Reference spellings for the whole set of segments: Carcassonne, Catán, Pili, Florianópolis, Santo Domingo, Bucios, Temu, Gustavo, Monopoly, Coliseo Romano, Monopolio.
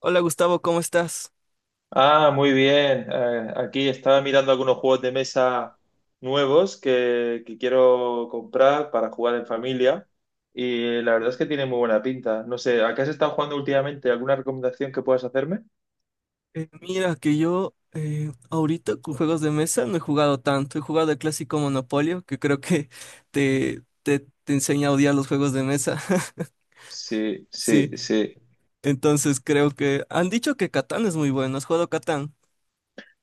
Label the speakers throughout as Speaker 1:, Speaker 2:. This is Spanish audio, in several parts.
Speaker 1: Hola Gustavo, ¿cómo estás?
Speaker 2: Ah, muy bien. Aquí estaba mirando algunos juegos de mesa nuevos que quiero comprar para jugar en familia y la verdad es que tiene muy buena pinta. No sé, ¿a qué has estado jugando últimamente? ¿Alguna recomendación que puedas hacerme?
Speaker 1: Mira que yo ahorita con juegos de mesa no he jugado tanto, he jugado el clásico Monopolio, que creo que te enseña a odiar los juegos de mesa.
Speaker 2: Sí, sí,
Speaker 1: Sí,
Speaker 2: sí.
Speaker 1: entonces creo que han dicho que Catán es muy bueno, ¿has jugado Catán?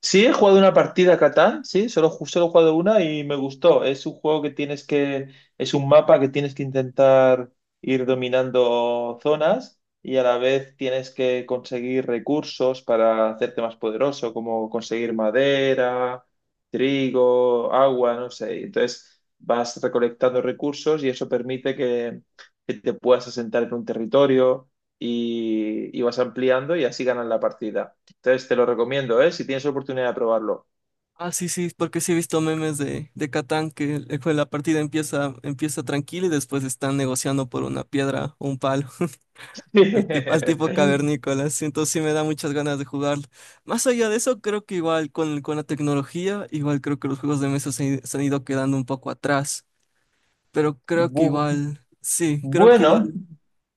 Speaker 2: Sí, he jugado una partida a Catán, sí, solo, solo he jugado una y me gustó. Es un juego que tienes que, es un mapa que tienes que intentar ir dominando zonas y a la vez tienes que conseguir recursos para hacerte más poderoso, como conseguir madera, trigo, agua, no sé. Entonces vas recolectando recursos y eso permite que te puedas asentar en un territorio y vas ampliando y así ganas la partida. Entonces te lo recomiendo, ¿eh? Si tienes oportunidad de probarlo.
Speaker 1: Ah, sí, sí, porque sí he visto memes de Catán que la partida empieza, empieza tranquila y después están negociando por una piedra o un palo. Al tipo cavernícola, sí, entonces sí me da muchas ganas de jugarlo. Más allá de eso, creo que igual con la tecnología, igual creo que los juegos de mesa se han ido quedando un poco atrás, pero creo que
Speaker 2: Bu-
Speaker 1: igual, sí, creo que
Speaker 2: Bueno,
Speaker 1: igual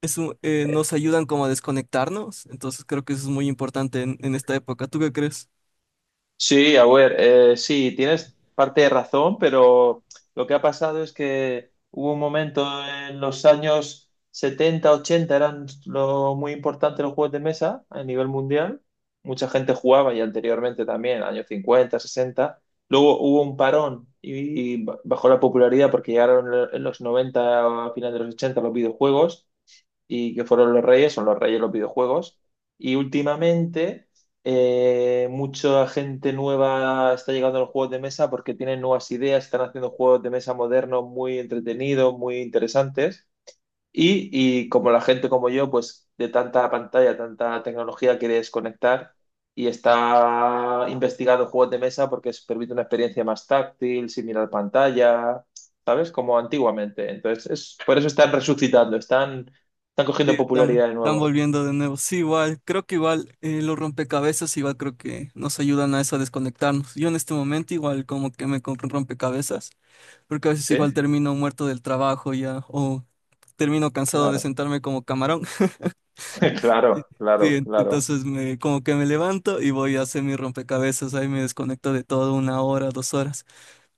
Speaker 2: eh,
Speaker 1: nos ayudan como a desconectarnos, entonces creo que eso es muy importante en esta época. ¿Tú qué crees?
Speaker 2: sí, a ver, sí, tienes parte de razón, pero lo que ha pasado es que hubo un momento en los años 70 80 eran lo muy importante los juegos de mesa a nivel mundial. Mucha gente jugaba y anteriormente también, años 50 60. Luego hubo un parón y bajó la popularidad porque llegaron en los 90 a final de los 80 los videojuegos. Y que fueron los reyes, son los reyes de los videojuegos. Y últimamente mucha gente nueva está llegando a los juegos de mesa porque tienen nuevas ideas, están haciendo juegos de mesa modernos muy entretenidos, muy interesantes. Y, y como la gente como yo, pues de tanta pantalla, tanta tecnología, quiere desconectar y está investigando juegos de mesa porque se permite una experiencia más táctil, sin mirar pantalla, ¿sabes? Como antiguamente. Entonces, es, por eso están resucitando, están
Speaker 1: Sí,
Speaker 2: cogiendo popularidad de
Speaker 1: están
Speaker 2: nuevo.
Speaker 1: volviendo de nuevo. Sí, igual, creo que igual los rompecabezas igual creo que nos ayudan a eso, a desconectarnos. Yo en este momento igual como que me compré un rompecabezas, porque a veces igual
Speaker 2: ¿Sí?
Speaker 1: termino muerto del trabajo ya, o termino cansado de
Speaker 2: Claro,
Speaker 1: sentarme como camarón.
Speaker 2: claro,
Speaker 1: Sí,
Speaker 2: claro, claro.
Speaker 1: entonces como que me levanto y voy a hacer mi rompecabezas, ahí me desconecto de todo una hora, dos horas,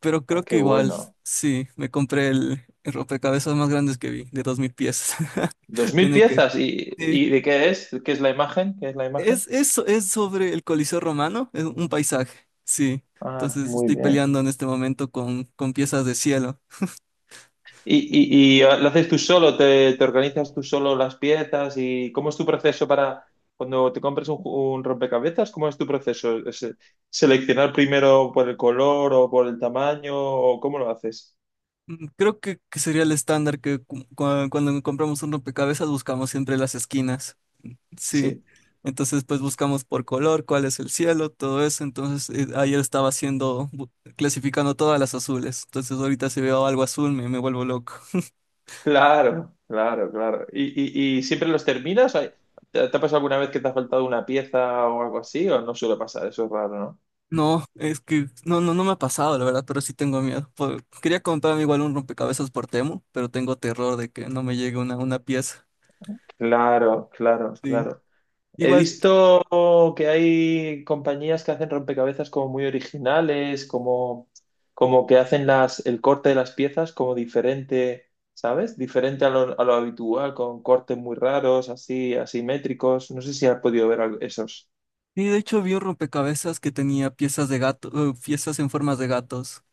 Speaker 1: pero
Speaker 2: Ah,
Speaker 1: creo que
Speaker 2: qué
Speaker 1: igual,
Speaker 2: bueno.
Speaker 1: sí, me compré el rompecabezas más grande que vi, de 2000 piezas.
Speaker 2: Dos mil
Speaker 1: Tiene que,
Speaker 2: piezas. ¿Y,
Speaker 1: sí,
Speaker 2: y de qué es? ¿Qué es la imagen? ¿Qué es la
Speaker 1: es,
Speaker 2: imagen?
Speaker 1: eso es sobre el Coliseo Romano, es un paisaje, sí,
Speaker 2: Ah,
Speaker 1: entonces
Speaker 2: muy
Speaker 1: estoy
Speaker 2: bien.
Speaker 1: peleando en este momento con piezas de cielo.
Speaker 2: ¿Y lo haces tú solo? ¿Te organizas tú solo las piezas? ¿Y cómo es tu proceso para cuando te compras un rompecabezas? ¿Cómo es tu proceso? ¿Seleccionar primero por el color o por el tamaño? ¿O cómo lo haces?
Speaker 1: Creo que sería el estándar que cuando compramos un rompecabezas buscamos siempre las esquinas. Sí.
Speaker 2: Sí,
Speaker 1: Entonces, pues buscamos por color, cuál es el cielo, todo eso. Entonces, ayer estaba haciendo, clasificando todas las azules. Entonces, ahorita si veo algo azul, me vuelvo loco.
Speaker 2: claro, claro, claro. ¿Y siempre los terminas? ¿Te ha pasado alguna vez que te ha faltado una pieza o algo así? ¿O no suele pasar? Eso es raro, ¿no?
Speaker 1: No, es que no, no, no me ha pasado, la verdad, pero sí tengo miedo. Quería comprarme igual un rompecabezas por Temu, pero tengo terror de que no me llegue una pieza.
Speaker 2: Claro, claro,
Speaker 1: Sí.
Speaker 2: claro. He
Speaker 1: Igual.
Speaker 2: visto que hay compañías que hacen rompecabezas como muy originales, como que hacen el corte de las piezas como diferente, ¿sabes? Diferente a lo habitual, con cortes muy raros, así, asimétricos. No sé si has podido ver esos.
Speaker 1: Y de hecho vi un rompecabezas que tenía piezas de gato, piezas en formas de gatos.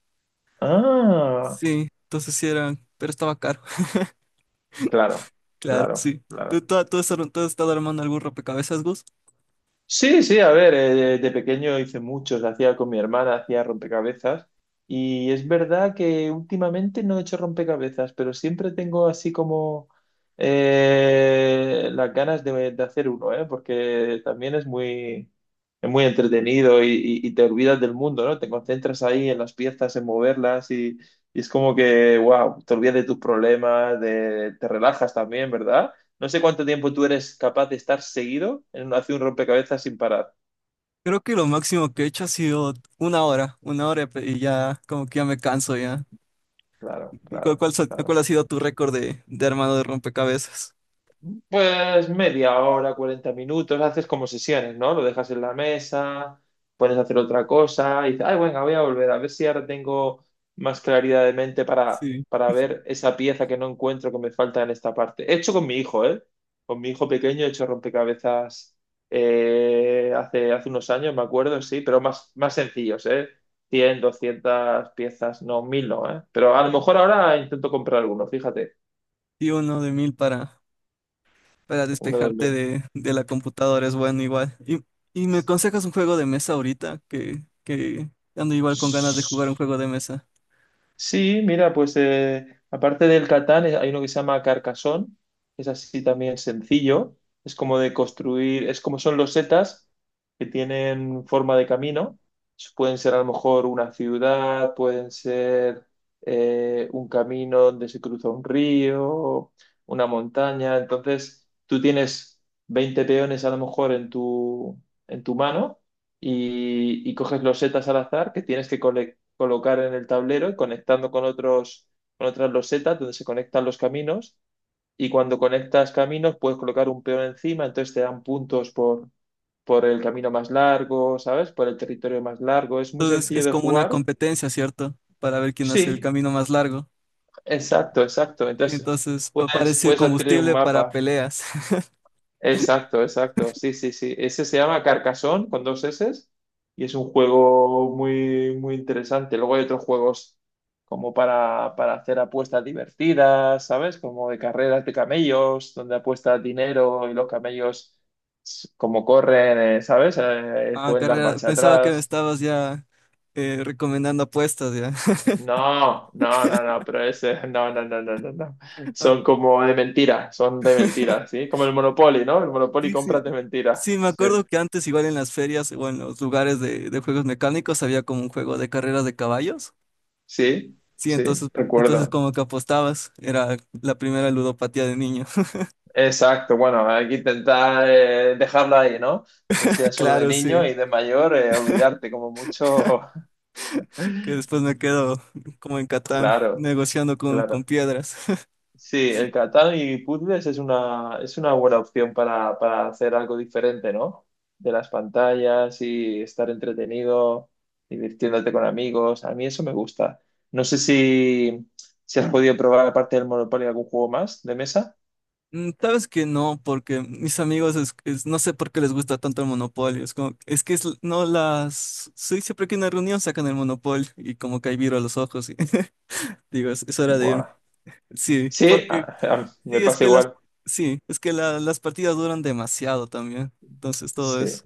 Speaker 2: Ah,
Speaker 1: Sí, entonces sí eran, pero estaba caro.
Speaker 2: claro,
Speaker 1: Claro,
Speaker 2: claro,
Speaker 1: sí. ¿Tú,
Speaker 2: claro.
Speaker 1: tú, tú has, tú has estado armando algún rompecabezas, Gus?
Speaker 2: Sí, sí, a ver, de pequeño hice muchos, hacía con mi hermana, hacía rompecabezas y es verdad que últimamente no he hecho rompecabezas, pero siempre tengo así como las ganas de hacer uno, ¿eh? Porque también es muy entretenido y te olvidas del mundo, ¿no? Te concentras ahí en las piezas, en moverlas y es como que, wow, te olvidas de tus problemas, te relajas también, ¿verdad? No sé cuánto tiempo tú eres capaz de estar seguido en hacer un rompecabezas sin parar.
Speaker 1: Creo que lo máximo que he hecho ha sido una hora y ya como que ya me canso ya.
Speaker 2: Claro,
Speaker 1: ¿Y
Speaker 2: claro, claro.
Speaker 1: cuál ha sido tu récord de armado de rompecabezas?
Speaker 2: Pues media hora, 40 minutos, haces como sesiones, ¿no? Lo dejas en la mesa, pones a hacer otra cosa y dices, ay, venga, voy a volver a ver si ahora tengo más claridad de mente para,
Speaker 1: Sí.
Speaker 2: para ver esa pieza que no encuentro que me falta en esta parte. He hecho con mi hijo, ¿eh? Con mi hijo pequeño he hecho rompecabezas hace unos años, me acuerdo, sí, pero más sencillos, ¿eh? 100, 200 piezas, no, 1.000 no, ¿eh? Pero a lo mejor ahora intento comprar alguno, fíjate,
Speaker 1: Y uno de mil para
Speaker 2: uno de
Speaker 1: despejarte
Speaker 2: mil.
Speaker 1: de la computadora, es bueno igual. Y me aconsejas un juego de mesa ahorita, que ando igual con ganas de jugar un juego de mesa.
Speaker 2: Sí, mira, pues aparte del Catán, hay uno que se llama Carcassonne, que es así también sencillo, es como de construir, es como son los setas que tienen forma de camino, pueden ser a lo mejor una ciudad, pueden ser un camino donde se cruza un río, una montaña, entonces tú tienes 20 peones a lo mejor en tu mano y coges los setas al azar que tienes que colectar colocar en el tablero y conectando con otras losetas donde se conectan los caminos. Y cuando conectas caminos, puedes colocar un peón encima, entonces te dan puntos por el camino más largo, ¿sabes? Por el territorio más largo. Es muy
Speaker 1: Entonces
Speaker 2: sencillo
Speaker 1: es
Speaker 2: de
Speaker 1: como una
Speaker 2: jugar.
Speaker 1: competencia, ¿cierto? Para ver quién hace el
Speaker 2: Sí,
Speaker 1: camino más largo.
Speaker 2: exacto, exacto.
Speaker 1: Y
Speaker 2: Entonces,
Speaker 1: entonces
Speaker 2: puedes,
Speaker 1: parece
Speaker 2: puedes adquirir un
Speaker 1: combustible para
Speaker 2: mapa.
Speaker 1: peleas.
Speaker 2: Exacto, exacto. Sí, sí, sí. Ese se llama Carcassonne con dos S y es un juego muy, muy interesante. Luego hay otros juegos como para hacer apuestas divertidas, ¿sabes? Como de carreras de camellos, donde apuestas dinero y los camellos, como corren, ¿sabes?
Speaker 1: Ah,
Speaker 2: Pueden dar
Speaker 1: carrera,
Speaker 2: marcha
Speaker 1: pensaba que me
Speaker 2: atrás.
Speaker 1: estabas ya recomendando apuestas, ya.
Speaker 2: No, no, no, no, pero ese, no, no, no, no, no, no.
Speaker 1: Ah,
Speaker 2: Son como de mentira, son de mentira, ¿sí? Como el Monopoly, ¿no? El Monopoly
Speaker 1: sí, sí.
Speaker 2: compras de mentira.
Speaker 1: Sí, me
Speaker 2: Sí.
Speaker 1: acuerdo que antes igual en las ferias o en los lugares de juegos mecánicos había como un juego de carreras de caballos.
Speaker 2: Sí,
Speaker 1: Sí,
Speaker 2: sí,
Speaker 1: entonces, entonces
Speaker 2: recuerdo.
Speaker 1: como que apostabas, era la primera ludopatía de niño.
Speaker 2: Exacto, bueno, hay que intentar dejarla ahí, ¿no? Que sea solo de
Speaker 1: Claro, sí,
Speaker 2: niño y de mayor, olvidarte como mucho.
Speaker 1: que después me quedo como en Catán,
Speaker 2: Claro,
Speaker 1: negociando con
Speaker 2: claro.
Speaker 1: piedras.
Speaker 2: Sí, el Catán y puzzles es una buena opción para hacer algo diferente, ¿no? De las pantallas y estar entretenido, divirtiéndote con amigos. A mí eso me gusta. No sé si, has podido probar, aparte del Monopoly, algún juego más de mesa.
Speaker 1: Sabes que no, porque mis amigos, no sé por qué les gusta tanto el monopolio. Es, como, es que es, no las... Sí, siempre que hay una reunión sacan el monopolio y como que hay viro a los ojos, y digo, es hora de irme.
Speaker 2: Buah.
Speaker 1: Sí,
Speaker 2: Sí,
Speaker 1: porque sí,
Speaker 2: me
Speaker 1: es
Speaker 2: pasa
Speaker 1: que las,
Speaker 2: igual.
Speaker 1: sí, es que las partidas duran demasiado también. Entonces todo
Speaker 2: Sí.
Speaker 1: es,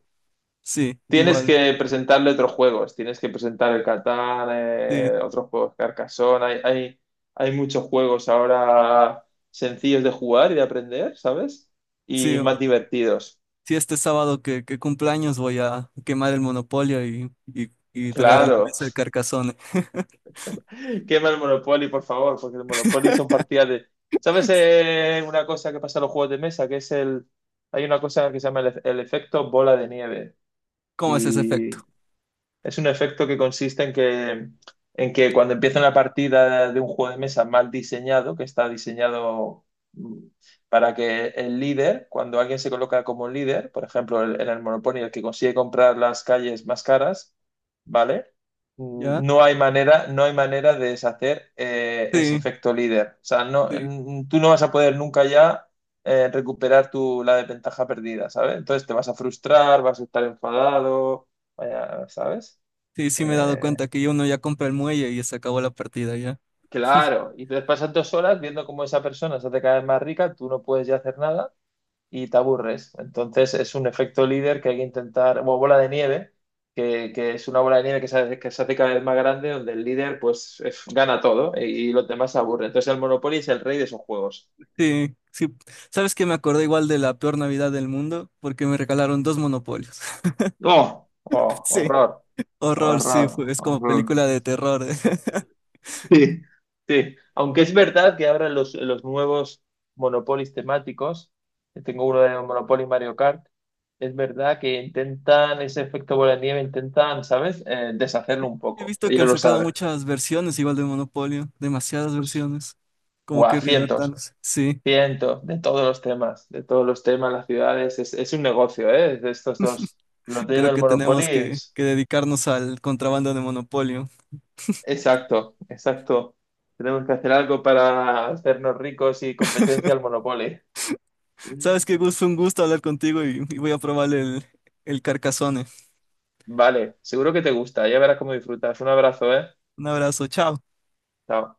Speaker 1: sí,
Speaker 2: Tienes
Speaker 1: igual.
Speaker 2: que presentarle otros juegos, tienes que presentar el Catán,
Speaker 1: Sí.
Speaker 2: otros juegos Carcassonne, hay muchos juegos ahora sencillos de jugar y de aprender, ¿sabes?
Speaker 1: Sí,
Speaker 2: Y más divertidos.
Speaker 1: sí, este sábado que cumpleaños voy a quemar el monopolio y traer a la
Speaker 2: Claro,
Speaker 1: mesa el carcazón.
Speaker 2: quema el Monopoly, por favor, porque el Monopoly son partidas de... ¿Sabes una cosa que pasa en los juegos de mesa? Que es el... Hay una cosa que se llama el efecto bola de nieve.
Speaker 1: ¿Cómo es ese efecto?
Speaker 2: Y es un efecto que consiste en que cuando empieza una partida de un juego de mesa mal diseñado, que está diseñado mm, para que el líder, cuando alguien se coloca como líder, por ejemplo, en el Monopoly, el que consigue comprar las calles más caras, ¿vale?
Speaker 1: ¿Ya?
Speaker 2: No hay manera, no hay manera de deshacer ese
Speaker 1: Sí,
Speaker 2: efecto líder. O sea, no,
Speaker 1: sí,
Speaker 2: tú no vas a poder nunca ya recuperar la desventaja perdida, ¿sabes? Entonces te vas a frustrar, vas a estar enfadado. Vaya, ¿sabes?
Speaker 1: sí, sí me he dado
Speaker 2: Eh,
Speaker 1: cuenta que uno ya compra el muelle y se acabó la partida ya.
Speaker 2: claro, y entonces pasas 2 horas viendo cómo esa persona se hace cada vez más rica, tú no puedes ya hacer nada y te aburres. Entonces es un efecto líder que hay que intentar, o bola de nieve, que es una bola de nieve que se hace cada vez más grande, donde el líder pues es- gana todo y los demás se aburren. Entonces el Monopoly es el rey de esos juegos.
Speaker 1: Sí, sí. ¿Sabes que? Me acordé igual de la peor Navidad del mundo porque me regalaron dos monopolios.
Speaker 2: ¡Oh! ¡Oh!
Speaker 1: Sí.
Speaker 2: ¡Horror!
Speaker 1: Horror, sí,
Speaker 2: ¡Horror!
Speaker 1: es como
Speaker 2: ¡Horror!
Speaker 1: película de terror.
Speaker 2: Sí, sí. Aunque es verdad que ahora los nuevos monopolios temáticos, que tengo uno de Monopoly Mario Kart, es verdad que intentan ese efecto bola de nieve, intentan, ¿sabes? Deshacerlo un
Speaker 1: He
Speaker 2: poco.
Speaker 1: visto que han
Speaker 2: Ellos lo
Speaker 1: sacado
Speaker 2: saben.
Speaker 1: muchas versiones igual de Monopolio, demasiadas versiones. Como
Speaker 2: Buah,
Speaker 1: que
Speaker 2: cientos,
Speaker 1: reinventándose. Sí.
Speaker 2: cientos de todos los temas, de todos los temas, las ciudades. Es un negocio, ¿eh? De estos dos. Los de
Speaker 1: Creo
Speaker 2: del
Speaker 1: que
Speaker 2: Monopoly
Speaker 1: tenemos
Speaker 2: es...
Speaker 1: que dedicarnos al contrabando de Monopolio.
Speaker 2: Exacto, exacto. Tenemos que hacer algo para hacernos ricos y competencia al Monopoly.
Speaker 1: Sabes que Gus, fue un gusto hablar contigo y voy a probar el Carcassonne.
Speaker 2: Vale, seguro que te gusta. Ya verás cómo disfrutas. Un abrazo, ¿eh?
Speaker 1: Un abrazo, chao.
Speaker 2: Chao.